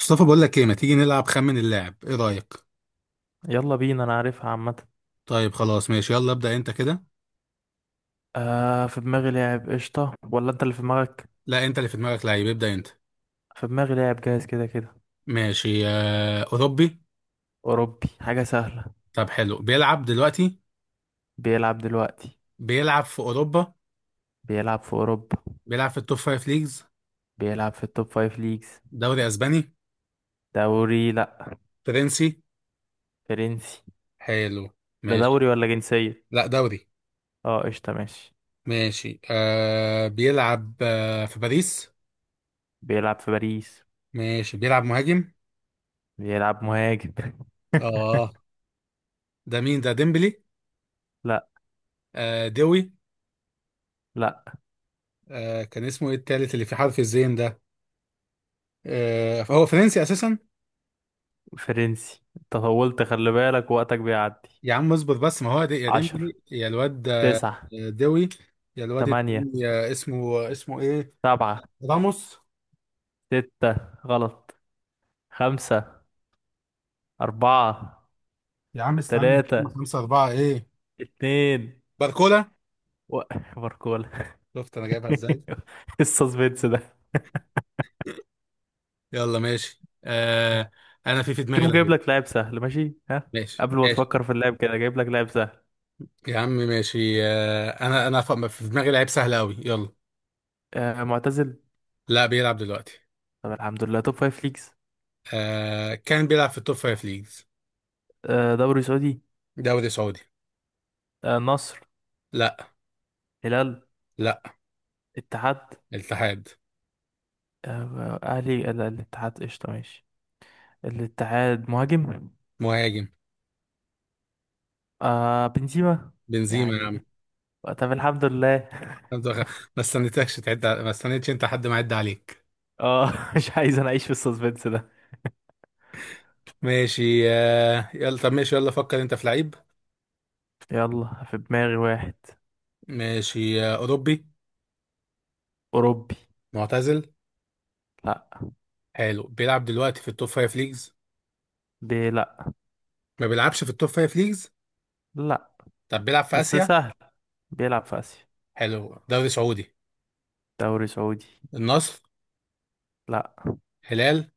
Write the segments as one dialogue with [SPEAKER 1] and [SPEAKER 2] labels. [SPEAKER 1] مصطفى، بقول لك ايه، ما تيجي نلعب خمن اللاعب، ايه رأيك؟
[SPEAKER 2] يلا بينا، انا عارفها عامة.
[SPEAKER 1] طيب خلاص ماشي، يلا ابدأ انت كده.
[SPEAKER 2] في دماغي لاعب، قشطة، ولا انت اللي في دماغك؟
[SPEAKER 1] لا، انت اللي في دماغك لعيب، ابدأ انت.
[SPEAKER 2] في دماغي لاعب جاهز كده كده.
[SPEAKER 1] ماشي. آه، اوروبي؟
[SPEAKER 2] اوروبي، حاجة سهلة.
[SPEAKER 1] طب حلو. بيلعب دلوقتي؟
[SPEAKER 2] بيلعب دلوقتي.
[SPEAKER 1] بيلعب في اوروبا؟
[SPEAKER 2] بيلعب في اوروبا.
[SPEAKER 1] بيلعب في التوب فايف ليجز؟
[SPEAKER 2] بيلعب في التوب فايف ليجز.
[SPEAKER 1] دوري اسباني؟
[SPEAKER 2] دوري، لا.
[SPEAKER 1] فرنسي؟
[SPEAKER 2] فرنسي.
[SPEAKER 1] حلو.
[SPEAKER 2] لا
[SPEAKER 1] ماشي.
[SPEAKER 2] دوري ولا جنسية.
[SPEAKER 1] لا دوري.
[SPEAKER 2] اه قشطة، ماشي.
[SPEAKER 1] ماشي. آه، بيلعب آه في باريس؟
[SPEAKER 2] بيلعب في باريس.
[SPEAKER 1] ماشي. بيلعب مهاجم؟
[SPEAKER 2] بيلعب مهاجم.
[SPEAKER 1] اه. ده مين ده، ديمبلي؟
[SPEAKER 2] لا.
[SPEAKER 1] آه، دوي؟
[SPEAKER 2] لا.
[SPEAKER 1] آه، كان اسمه ايه التالت اللي في حرف الزين ده؟ آه، هو فرنسي اساسا.
[SPEAKER 2] فرنسي، أنت طولت، خلي بالك وقتك بيعدي.
[SPEAKER 1] يا عم اصبر بس، ما هو دي يا ديمبلي
[SPEAKER 2] عشر،
[SPEAKER 1] يا الواد، آه،
[SPEAKER 2] تسعة،
[SPEAKER 1] دوي. يا الواد
[SPEAKER 2] تمانية،
[SPEAKER 1] التاني آه، اسمه ايه؟
[SPEAKER 2] سبعة،
[SPEAKER 1] راموس؟
[SPEAKER 2] ستة، غلط، خمسة، أربعة،
[SPEAKER 1] يا عم استنى،
[SPEAKER 2] تلاتة،
[SPEAKER 1] هم خمسة أربعة ايه؟
[SPEAKER 2] اتنين،
[SPEAKER 1] باركولا.
[SPEAKER 2] و... باركولا.
[SPEAKER 1] شفت انا جايبها ازاي.
[SPEAKER 2] السسبنس ده.
[SPEAKER 1] يلا ماشي آه، انا في دماغي
[SPEAKER 2] شوف جايب
[SPEAKER 1] لعيب.
[SPEAKER 2] لك لاعب سهل، ماشي، ها؟
[SPEAKER 1] ماشي
[SPEAKER 2] قبل ما
[SPEAKER 1] ماشي.
[SPEAKER 2] تفكر في اللاعب كده جايب لك لاعب سهل.
[SPEAKER 1] يا عم ماشي آه، انا في دماغي لعيب سهل قوي، يلا.
[SPEAKER 2] معتزل.
[SPEAKER 1] لا، بيلعب دلوقتي.
[SPEAKER 2] طب الحمد لله، توب فايف ليجز.
[SPEAKER 1] آه، كان بيلعب في التوب فايف ليجز.
[SPEAKER 2] دوري سعودي.
[SPEAKER 1] دوري سعودي.
[SPEAKER 2] نصر.
[SPEAKER 1] لا.
[SPEAKER 2] هلال.
[SPEAKER 1] لا.
[SPEAKER 2] اتحاد.
[SPEAKER 1] الاتحاد.
[SPEAKER 2] أهلي، لا، الاتحاد قشطة، ماشي. الاتحاد، مهاجم.
[SPEAKER 1] مهاجم.
[SPEAKER 2] بنزيما.
[SPEAKER 1] بنزيما يا
[SPEAKER 2] يعني.
[SPEAKER 1] عم.
[SPEAKER 2] طب الحمد لله.
[SPEAKER 1] عبد الغ- ما استنيتكش تعد ما استنيتش انت حد ما يعد عليك.
[SPEAKER 2] اه، مش عايز انا اعيش في السسبنس ده.
[SPEAKER 1] ماشي آه، يلا طب ماشي، يلا فكر انت في لعيب.
[SPEAKER 2] يلا في دماغي واحد.
[SPEAKER 1] ماشي آه، اوروبي.
[SPEAKER 2] أوروبي.
[SPEAKER 1] معتزل.
[SPEAKER 2] لا.
[SPEAKER 1] حلو. بيلعب دلوقتي في التوب فايف ليجز؟
[SPEAKER 2] لا.
[SPEAKER 1] ما بيلعبش في التوب فايف ليجز.
[SPEAKER 2] لا،
[SPEAKER 1] طب بيلعب في
[SPEAKER 2] بس
[SPEAKER 1] اسيا.
[SPEAKER 2] سهل. بيلعب في آسيا.
[SPEAKER 1] حلو. دوري سعودي.
[SPEAKER 2] دوري سعودي.
[SPEAKER 1] النصر.
[SPEAKER 2] لا.
[SPEAKER 1] هلال.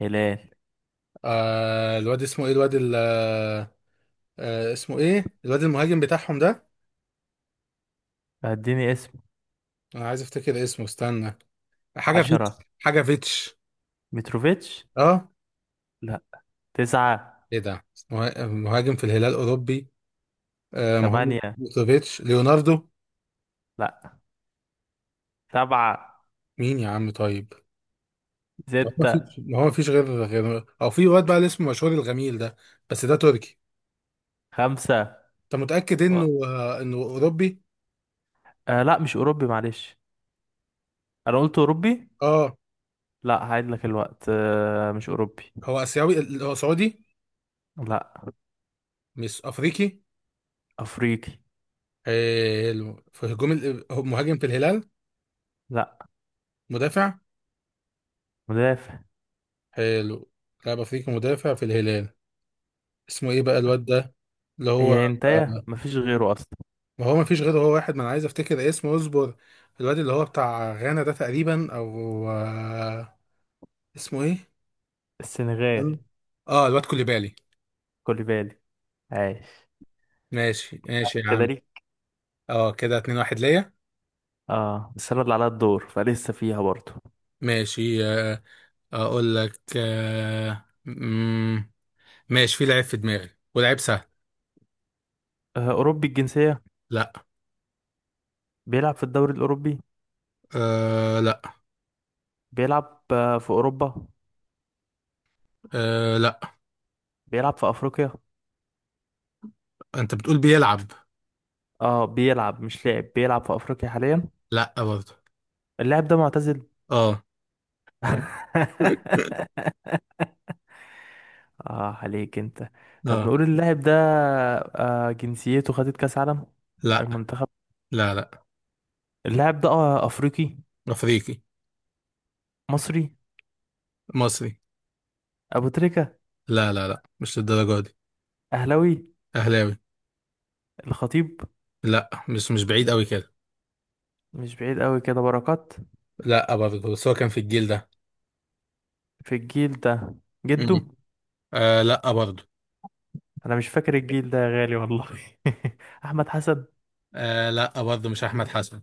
[SPEAKER 2] هلال.
[SPEAKER 1] آه الواد اسمه ايه، الواد آه، اسمه ايه الواد المهاجم بتاعهم ده؟
[SPEAKER 2] اديني اسم.
[SPEAKER 1] انا عايز افتكر اسمه، استنى. حاجه فيتش
[SPEAKER 2] عشرة.
[SPEAKER 1] حاجه فيتش
[SPEAKER 2] متروفيتش.
[SPEAKER 1] اه.
[SPEAKER 2] لا. تسعة.
[SPEAKER 1] ايه ده، مهاجم في الهلال اوروبي؟ آه ما هو.
[SPEAKER 2] تمانية.
[SPEAKER 1] بوسوفيتش؟ ليوناردو؟
[SPEAKER 2] لا. سبعة.
[SPEAKER 1] مين يا عم طيب؟ ما
[SPEAKER 2] ستة.
[SPEAKER 1] فيش، ما هو ما فيش غير، غير او في واد بقى اللي اسمه مشهور، الغميل ده، بس ده تركي.
[SPEAKER 2] خمسة.
[SPEAKER 1] انت متأكد
[SPEAKER 2] أه.
[SPEAKER 1] انه آه انه اوروبي؟
[SPEAKER 2] لا، مش أوروبي، معلش. أنا قلت أوروبي.
[SPEAKER 1] اه.
[SPEAKER 2] لا، هعيد لك الوقت، مش أوروبي.
[SPEAKER 1] هو اسيوي، هو سعودي؟
[SPEAKER 2] لا.
[SPEAKER 1] مش افريقي؟
[SPEAKER 2] أفريقي.
[SPEAKER 1] حلو. في هجوم، هو مهاجم في الهلال؟
[SPEAKER 2] لا.
[SPEAKER 1] مدافع؟
[SPEAKER 2] مدافع.
[SPEAKER 1] حلو. لاعب افريقي مدافع في الهلال، اسمه ايه بقى الواد ده اللي هو؟
[SPEAKER 2] هي هنتايا،
[SPEAKER 1] آه،
[SPEAKER 2] مفيش غيره أصلا.
[SPEAKER 1] ما هو ما فيش غيره، هو واحد، ما انا عايز افتكر اسمه، اصبر. الواد اللي هو بتاع غانا ده تقريبا، او آه، اسمه ايه؟
[SPEAKER 2] السنغال.
[SPEAKER 1] تمام؟ اه، الواد كوليبالي.
[SPEAKER 2] كوليبالي. عايش.
[SPEAKER 1] ماشي ماشي يا
[SPEAKER 2] كده
[SPEAKER 1] عم.
[SPEAKER 2] ليك.
[SPEAKER 1] اه، كده اتنين واحد ليا.
[SPEAKER 2] اه بس انا اللي عليا الدور فلسه فيها برضه.
[SPEAKER 1] ماشي آه. اقول لك آه، ماشي، في لعيب في دماغي ولعيب سهل.
[SPEAKER 2] اوروبي الجنسيه.
[SPEAKER 1] لا.
[SPEAKER 2] بيلعب في الدوري الاوروبي.
[SPEAKER 1] آه لا.
[SPEAKER 2] بيلعب في اوروبا.
[SPEAKER 1] آه لا.
[SPEAKER 2] بيلعب في افريقيا.
[SPEAKER 1] انت بتقول بيلعب؟
[SPEAKER 2] اه بيلعب، مش لاعب بيلعب، في افريقيا حاليا.
[SPEAKER 1] لا برضه.
[SPEAKER 2] اللاعب ده معتزل.
[SPEAKER 1] اه.
[SPEAKER 2] اه، عليك انت. طب
[SPEAKER 1] اه.
[SPEAKER 2] نقول اللاعب ده. جنسيته خدت كاس عالم.
[SPEAKER 1] لا.
[SPEAKER 2] المنتخب.
[SPEAKER 1] لا لا.
[SPEAKER 2] اللاعب ده افريقي.
[SPEAKER 1] افريقي.
[SPEAKER 2] مصري.
[SPEAKER 1] مصري.
[SPEAKER 2] ابو تريكة.
[SPEAKER 1] لا لا لا، مش للدرجه دي.
[SPEAKER 2] اهلاوي.
[SPEAKER 1] اهلاوي.
[SPEAKER 2] الخطيب.
[SPEAKER 1] لا، مش مش بعيد قوي كده.
[SPEAKER 2] مش بعيد قوي كده، بركات.
[SPEAKER 1] لا برضه، بس هو كان في الجيل ده.
[SPEAKER 2] في الجيل ده. جده.
[SPEAKER 1] مم. آه لا برضه.
[SPEAKER 2] انا مش فاكر الجيل ده يا غالي والله. احمد حسن.
[SPEAKER 1] آه لا برضه، مش احمد حسن.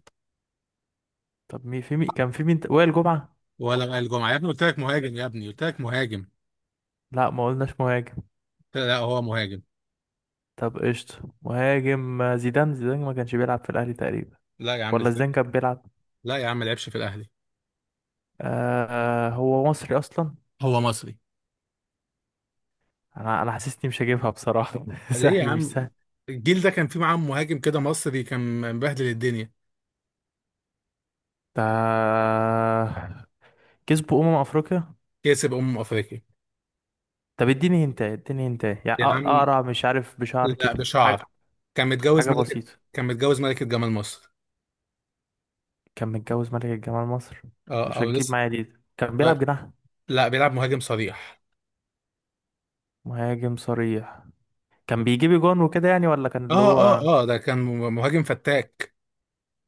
[SPEAKER 2] طب مين، في مين كان، في مين وائل جمعة.
[SPEAKER 1] ولا وائل جمعه يا ابني، قلت لك مهاجم يا ابني، قلت لك مهاجم.
[SPEAKER 2] لا، ما قلناش مهاجم.
[SPEAKER 1] لا، هو مهاجم.
[SPEAKER 2] طب قشطة، مهاجم، زيدان، زيدان ما كانش بيلعب في الاهلي تقريبا.
[SPEAKER 1] لا يا عم
[SPEAKER 2] ولا
[SPEAKER 1] ازاي.
[SPEAKER 2] زيدان كان بيلعب.
[SPEAKER 1] لا يا عم ما لعبش في الاهلي.
[SPEAKER 2] آه. هو مصري اصلا.
[SPEAKER 1] هو مصري.
[SPEAKER 2] انا حاسسني مش هجيبها بصراحة.
[SPEAKER 1] ليه يا
[SPEAKER 2] سهل مش
[SPEAKER 1] عم؟
[SPEAKER 2] سهل.
[SPEAKER 1] الجيل ده كان فيه معاه مهاجم كده مصري، كان مبهدل الدنيا.
[SPEAKER 2] ده كسبوا افريقيا.
[SPEAKER 1] كسب افريقيا.
[SPEAKER 2] طب اديني هنتا، اديني هنتا، يعني
[SPEAKER 1] يا عم.
[SPEAKER 2] اقرع، مش عارف، بشعر
[SPEAKER 1] لا
[SPEAKER 2] كده،
[SPEAKER 1] بشعر.
[SPEAKER 2] حاجة.
[SPEAKER 1] كان متجوز
[SPEAKER 2] حاجة
[SPEAKER 1] ملكه.
[SPEAKER 2] بسيطة.
[SPEAKER 1] كان متجوز ملكه جمال مصر.
[SPEAKER 2] كان متجوز ملكة جمال مصر.
[SPEAKER 1] اه،
[SPEAKER 2] مش
[SPEAKER 1] او
[SPEAKER 2] هتجيب
[SPEAKER 1] لسه.
[SPEAKER 2] معايا دي، كان
[SPEAKER 1] لا.
[SPEAKER 2] بيلعب جناح.
[SPEAKER 1] لا، بيلعب مهاجم صريح.
[SPEAKER 2] مهاجم صريح. كان بيجيب جون وكده يعني، ولا كان اللي
[SPEAKER 1] اه
[SPEAKER 2] هو.
[SPEAKER 1] اه اه، ده كان مهاجم فتاك.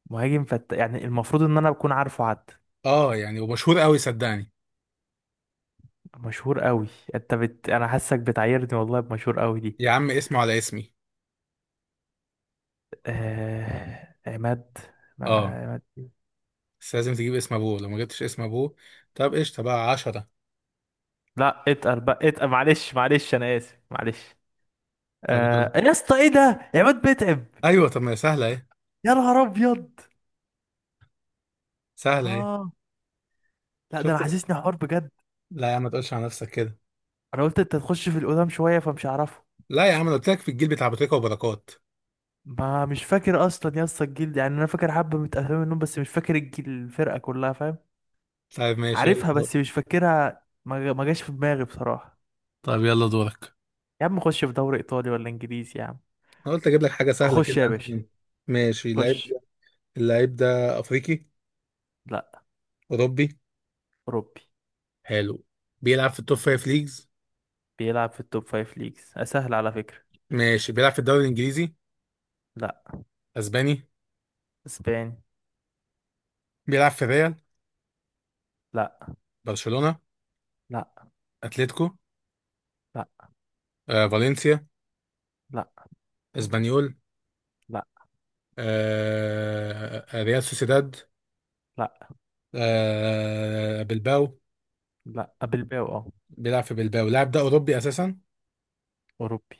[SPEAKER 2] مهاجم فت، يعني المفروض ان انا بكون عارفه، حد.
[SPEAKER 1] اه يعني، ومشهور قوي صدقني.
[SPEAKER 2] مشهور قوي. انا حاسك بتعيرني والله بمشهور قوي دي.
[SPEAKER 1] يا عم اسمه على اسمي.
[SPEAKER 2] عماد. ما...
[SPEAKER 1] اه،
[SPEAKER 2] عماد.
[SPEAKER 1] بس لازم تجيب اسم ابوه، لو ما جبتش اسم ابوه طب قشطه بقى 10.
[SPEAKER 2] لا اتقل بقى، اتقل، معلش معلش، انا اسف، معلش.
[SPEAKER 1] طب يلا.
[SPEAKER 2] يا اسطى ايه ده، عماد بيتعب.
[SPEAKER 1] ايوه، طب ما هي سهله اهي.
[SPEAKER 2] يا نهار ابيض.
[SPEAKER 1] سهله اهي.
[SPEAKER 2] اه. لا ده انا
[SPEAKER 1] شفت.
[SPEAKER 2] حاسسني حوار بجد.
[SPEAKER 1] لا يا عم ما تقولش على نفسك كده.
[SPEAKER 2] انا قلت انت تخش في القدام شويه فمش هعرفه.
[SPEAKER 1] لا يا عم انا قلت لك في الجيل بتاع ابو تريكه وبركات.
[SPEAKER 2] ما مش فاكر اصلا يا اسطى الجيل، يعني انا فاكر حبه من اسامي منهم، بس مش فاكر الجيل، الفرقه كلها، فاهم؟
[SPEAKER 1] طيب ماشي، يلا
[SPEAKER 2] عارفها
[SPEAKER 1] دور.
[SPEAKER 2] بس مش فاكرها، ما جاش في دماغي بصراحه.
[SPEAKER 1] طيب يلا دورك.
[SPEAKER 2] يا عم خش في دوري ايطالي ولا انجليزي يا عم.
[SPEAKER 1] انا قلت اجيب لك حاجه سهله
[SPEAKER 2] خش
[SPEAKER 1] كده.
[SPEAKER 2] يا باشا،
[SPEAKER 1] ماشي. اللعيب
[SPEAKER 2] خش.
[SPEAKER 1] ده اللعيب ده افريقي؟
[SPEAKER 2] لا.
[SPEAKER 1] اوروبي؟
[SPEAKER 2] اوروبي.
[SPEAKER 1] حلو. بيلعب في التوب فايف ليجز؟
[SPEAKER 2] بيلعب في التوب فايف ليجز، اسهل على فكره.
[SPEAKER 1] ماشي. بيلعب في الدوري الانجليزي؟
[SPEAKER 2] لا.
[SPEAKER 1] اسباني.
[SPEAKER 2] اسباني.
[SPEAKER 1] بيلعب في ريال؟
[SPEAKER 2] لا.
[SPEAKER 1] برشلونه؟
[SPEAKER 2] لا.
[SPEAKER 1] اتلتيكو؟
[SPEAKER 2] لا.
[SPEAKER 1] آه، فالنسيا؟
[SPEAKER 2] لا.
[SPEAKER 1] اسبانيول؟
[SPEAKER 2] لا.
[SPEAKER 1] آه، آه، ريال سوسيداد؟
[SPEAKER 2] لا.
[SPEAKER 1] آه، بلباو؟
[SPEAKER 2] لا. بلباو، اه.
[SPEAKER 1] بيلعب في بلباو. اللاعب ده أوروبي أساسا.
[SPEAKER 2] اوروبي.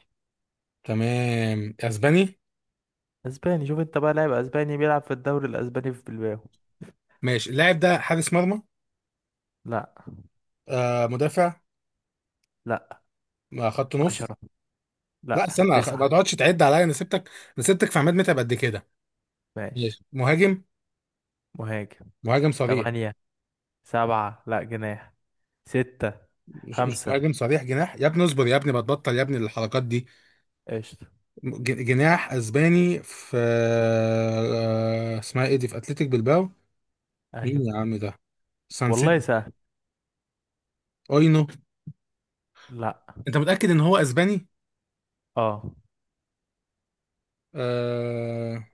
[SPEAKER 1] تمام أسباني.
[SPEAKER 2] اسباني، شوف انت بقى، لاعب اسباني بيلعب في الدوري الاسباني في بلباو.
[SPEAKER 1] ماشي. اللاعب ده حارس مرمى؟
[SPEAKER 2] لا.
[SPEAKER 1] آه، مدافع؟
[SPEAKER 2] لا.
[SPEAKER 1] آه، خط نص؟
[SPEAKER 2] عشرة.
[SPEAKER 1] لا
[SPEAKER 2] لا،
[SPEAKER 1] استنى، ما
[SPEAKER 2] تسعة.
[SPEAKER 1] تقعدش تعد عليا، انا سبتك. انا سبتك في عماد متعب قد كده.
[SPEAKER 2] ماشي.
[SPEAKER 1] ماشي. مهاجم؟
[SPEAKER 2] مهاجم.
[SPEAKER 1] مهاجم صريح؟
[SPEAKER 2] تمانية. سبعة، لا، جناح. ستة.
[SPEAKER 1] مش
[SPEAKER 2] خمسة.
[SPEAKER 1] مهاجم صريح، جناح يا ابني، اصبر يا ابني، ما تبطل يا ابني الحركات دي.
[SPEAKER 2] قشطة.
[SPEAKER 1] جناح اسباني في آه، اسمها ايه دي، في اتلتيك بلباو.
[SPEAKER 2] أيوة.
[SPEAKER 1] مين يا عم ده؟ سانسيت؟
[SPEAKER 2] والله سهل.
[SPEAKER 1] اينو؟
[SPEAKER 2] لا.
[SPEAKER 1] انت متأكد ان هو اسباني؟
[SPEAKER 2] اه.
[SPEAKER 1] آه.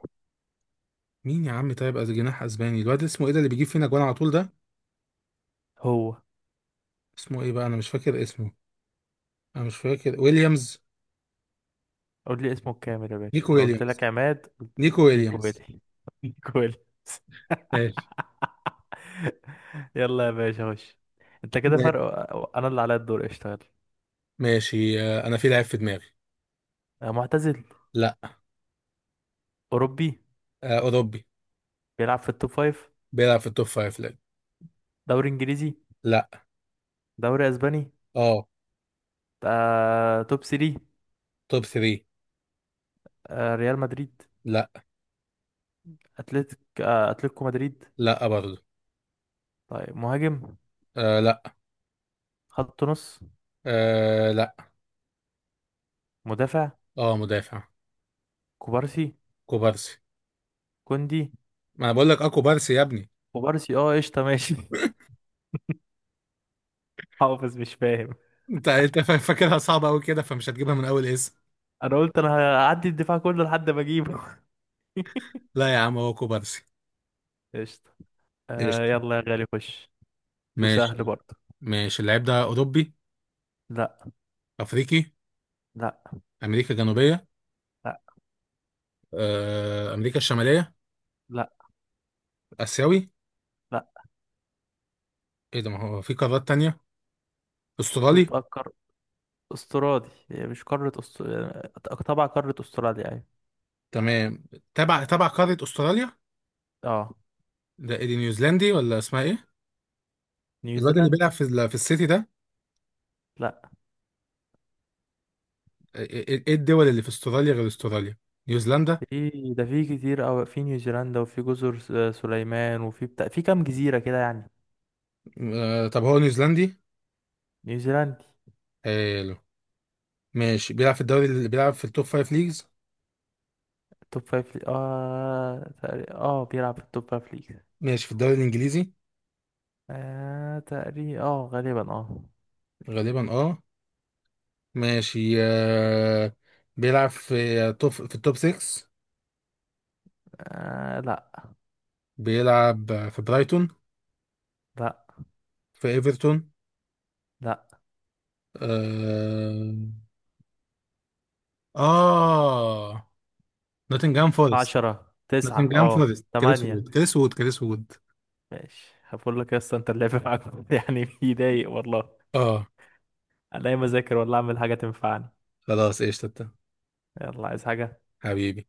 [SPEAKER 1] مين يا عم طيب، از جناح اسباني، الواد اسمه ايه ده اللي بيجيب فينا جوان على طول ده؟
[SPEAKER 2] هو.
[SPEAKER 1] اسمه ايه بقى، انا مش فاكر اسمه. انا مش فاكر، ويليامز.
[SPEAKER 2] قول لي اسمه الكامل يا باشا،
[SPEAKER 1] نيكو
[SPEAKER 2] أنا قلت لك
[SPEAKER 1] ويليامز.
[SPEAKER 2] عماد قلت.
[SPEAKER 1] نيكو
[SPEAKER 2] نيكو
[SPEAKER 1] ويليامز.
[SPEAKER 2] ويلي. نيكو ويلي.
[SPEAKER 1] ماشي.
[SPEAKER 2] يلا يا باشا، خش. انت كده
[SPEAKER 1] ماشي.
[SPEAKER 2] فرق، انا اللي عليا الدور اشتغل.
[SPEAKER 1] ماشي آه، انا في لعيب في دماغي.
[SPEAKER 2] معتزل.
[SPEAKER 1] لا.
[SPEAKER 2] اوروبي.
[SPEAKER 1] آه، اوروبي.
[SPEAKER 2] بيلعب في التوب فايف.
[SPEAKER 1] بيلعب في التوب فايف؟ لا.
[SPEAKER 2] دوري انجليزي.
[SPEAKER 1] لا.
[SPEAKER 2] دوري اسباني.
[SPEAKER 1] اه،
[SPEAKER 2] توب 3.
[SPEAKER 1] توب 3.
[SPEAKER 2] ريال مدريد.
[SPEAKER 1] لا.
[SPEAKER 2] اتلتيكو مدريد.
[SPEAKER 1] لا برضه.
[SPEAKER 2] طيب مهاجم.
[SPEAKER 1] آه لا.
[SPEAKER 2] خط نص.
[SPEAKER 1] آه لا.
[SPEAKER 2] مدافع.
[SPEAKER 1] اه مدافع.
[SPEAKER 2] كوبارسي.
[SPEAKER 1] كوبارسي.
[SPEAKER 2] كوندي.
[SPEAKER 1] ما انا بقول لك اه كوبارسي يا ابني.
[SPEAKER 2] كوبارسي اه قشطة، ماشي. حافظ مش فاهم.
[SPEAKER 1] انت فاكرها صعبه قوي كده، فمش هتجيبها من اول.
[SPEAKER 2] انا قلت انا هعدي الدفاع كله لحد ما اجيبه.
[SPEAKER 1] لا يا عم هو كوبارسي.
[SPEAKER 2] قشطة.
[SPEAKER 1] قشطة
[SPEAKER 2] يلا يا غالي، خش. وسهل
[SPEAKER 1] ماشي.
[SPEAKER 2] برضه.
[SPEAKER 1] ماشي. اللعيب ده أوروبي؟
[SPEAKER 2] لا.
[SPEAKER 1] أفريقي؟
[SPEAKER 2] لا.
[SPEAKER 1] أمريكا الجنوبية؟
[SPEAKER 2] لا.
[SPEAKER 1] آه، أمريكا الشمالية؟
[SPEAKER 2] لا.
[SPEAKER 1] آسيوي؟
[SPEAKER 2] لا.
[SPEAKER 1] إيه ده، ما هو في قارات تانية.
[SPEAKER 2] شوف
[SPEAKER 1] أسترالي؟
[SPEAKER 2] بقى القار. استرالي، هي مش قارة طبعا قارة استراليا يعني.
[SPEAKER 1] تمام. تبع قارة أستراليا.
[SPEAKER 2] اه.
[SPEAKER 1] ده إيه دي، نيوزيلندي ولا اسمها إيه؟ الواد اللي
[SPEAKER 2] نيوزيلاند.
[SPEAKER 1] بيلعب في في السيتي ده.
[SPEAKER 2] لا.
[SPEAKER 1] إيه الدول اللي في أستراليا غير أستراليا؟ نيوزيلندا.
[SPEAKER 2] في ده، في كتير أوي، في نيوزيلندا، وفي جزر سليمان، وفي بتاع، في كام جزيرة كده يعني.
[SPEAKER 1] آه، طب هو نيوزيلندي؟
[SPEAKER 2] نيوزيلندا.
[SPEAKER 1] حلو. ماشي. بيلعب في الدوري اللي بيلعب في التوب فايف ليجز.
[SPEAKER 2] توب فايف ليج اه تقريبا، اه بيلعب في التوب فايف ليج.
[SPEAKER 1] ماشي. في الدوري الإنجليزي؟
[SPEAKER 2] تقريبا اه، غالبا اه.
[SPEAKER 1] غالبا أه. ماشي آه، بيلعب في توب في التوب 6؟
[SPEAKER 2] لا.
[SPEAKER 1] بيلعب في برايتون؟
[SPEAKER 2] لا.
[SPEAKER 1] في ايفرتون؟
[SPEAKER 2] لا.
[SPEAKER 1] اه. آه. نوتنجهام فورست.
[SPEAKER 2] عشرة، تسعة،
[SPEAKER 1] نوتنجهام
[SPEAKER 2] اه.
[SPEAKER 1] فورست، كريس
[SPEAKER 2] تمانية.
[SPEAKER 1] وود، كريس وود، كريس وود.
[SPEAKER 2] ماشي، هقول لك يا اسطى، انت اللعب معاك يعني بيضايق والله.
[SPEAKER 1] اه.
[SPEAKER 2] انا ايه اذاكر ولا اعمل حاجة تنفعني؟
[SPEAKER 1] خلاص ايش تتا.
[SPEAKER 2] يلا عايز حاجة.
[SPEAKER 1] حبيبي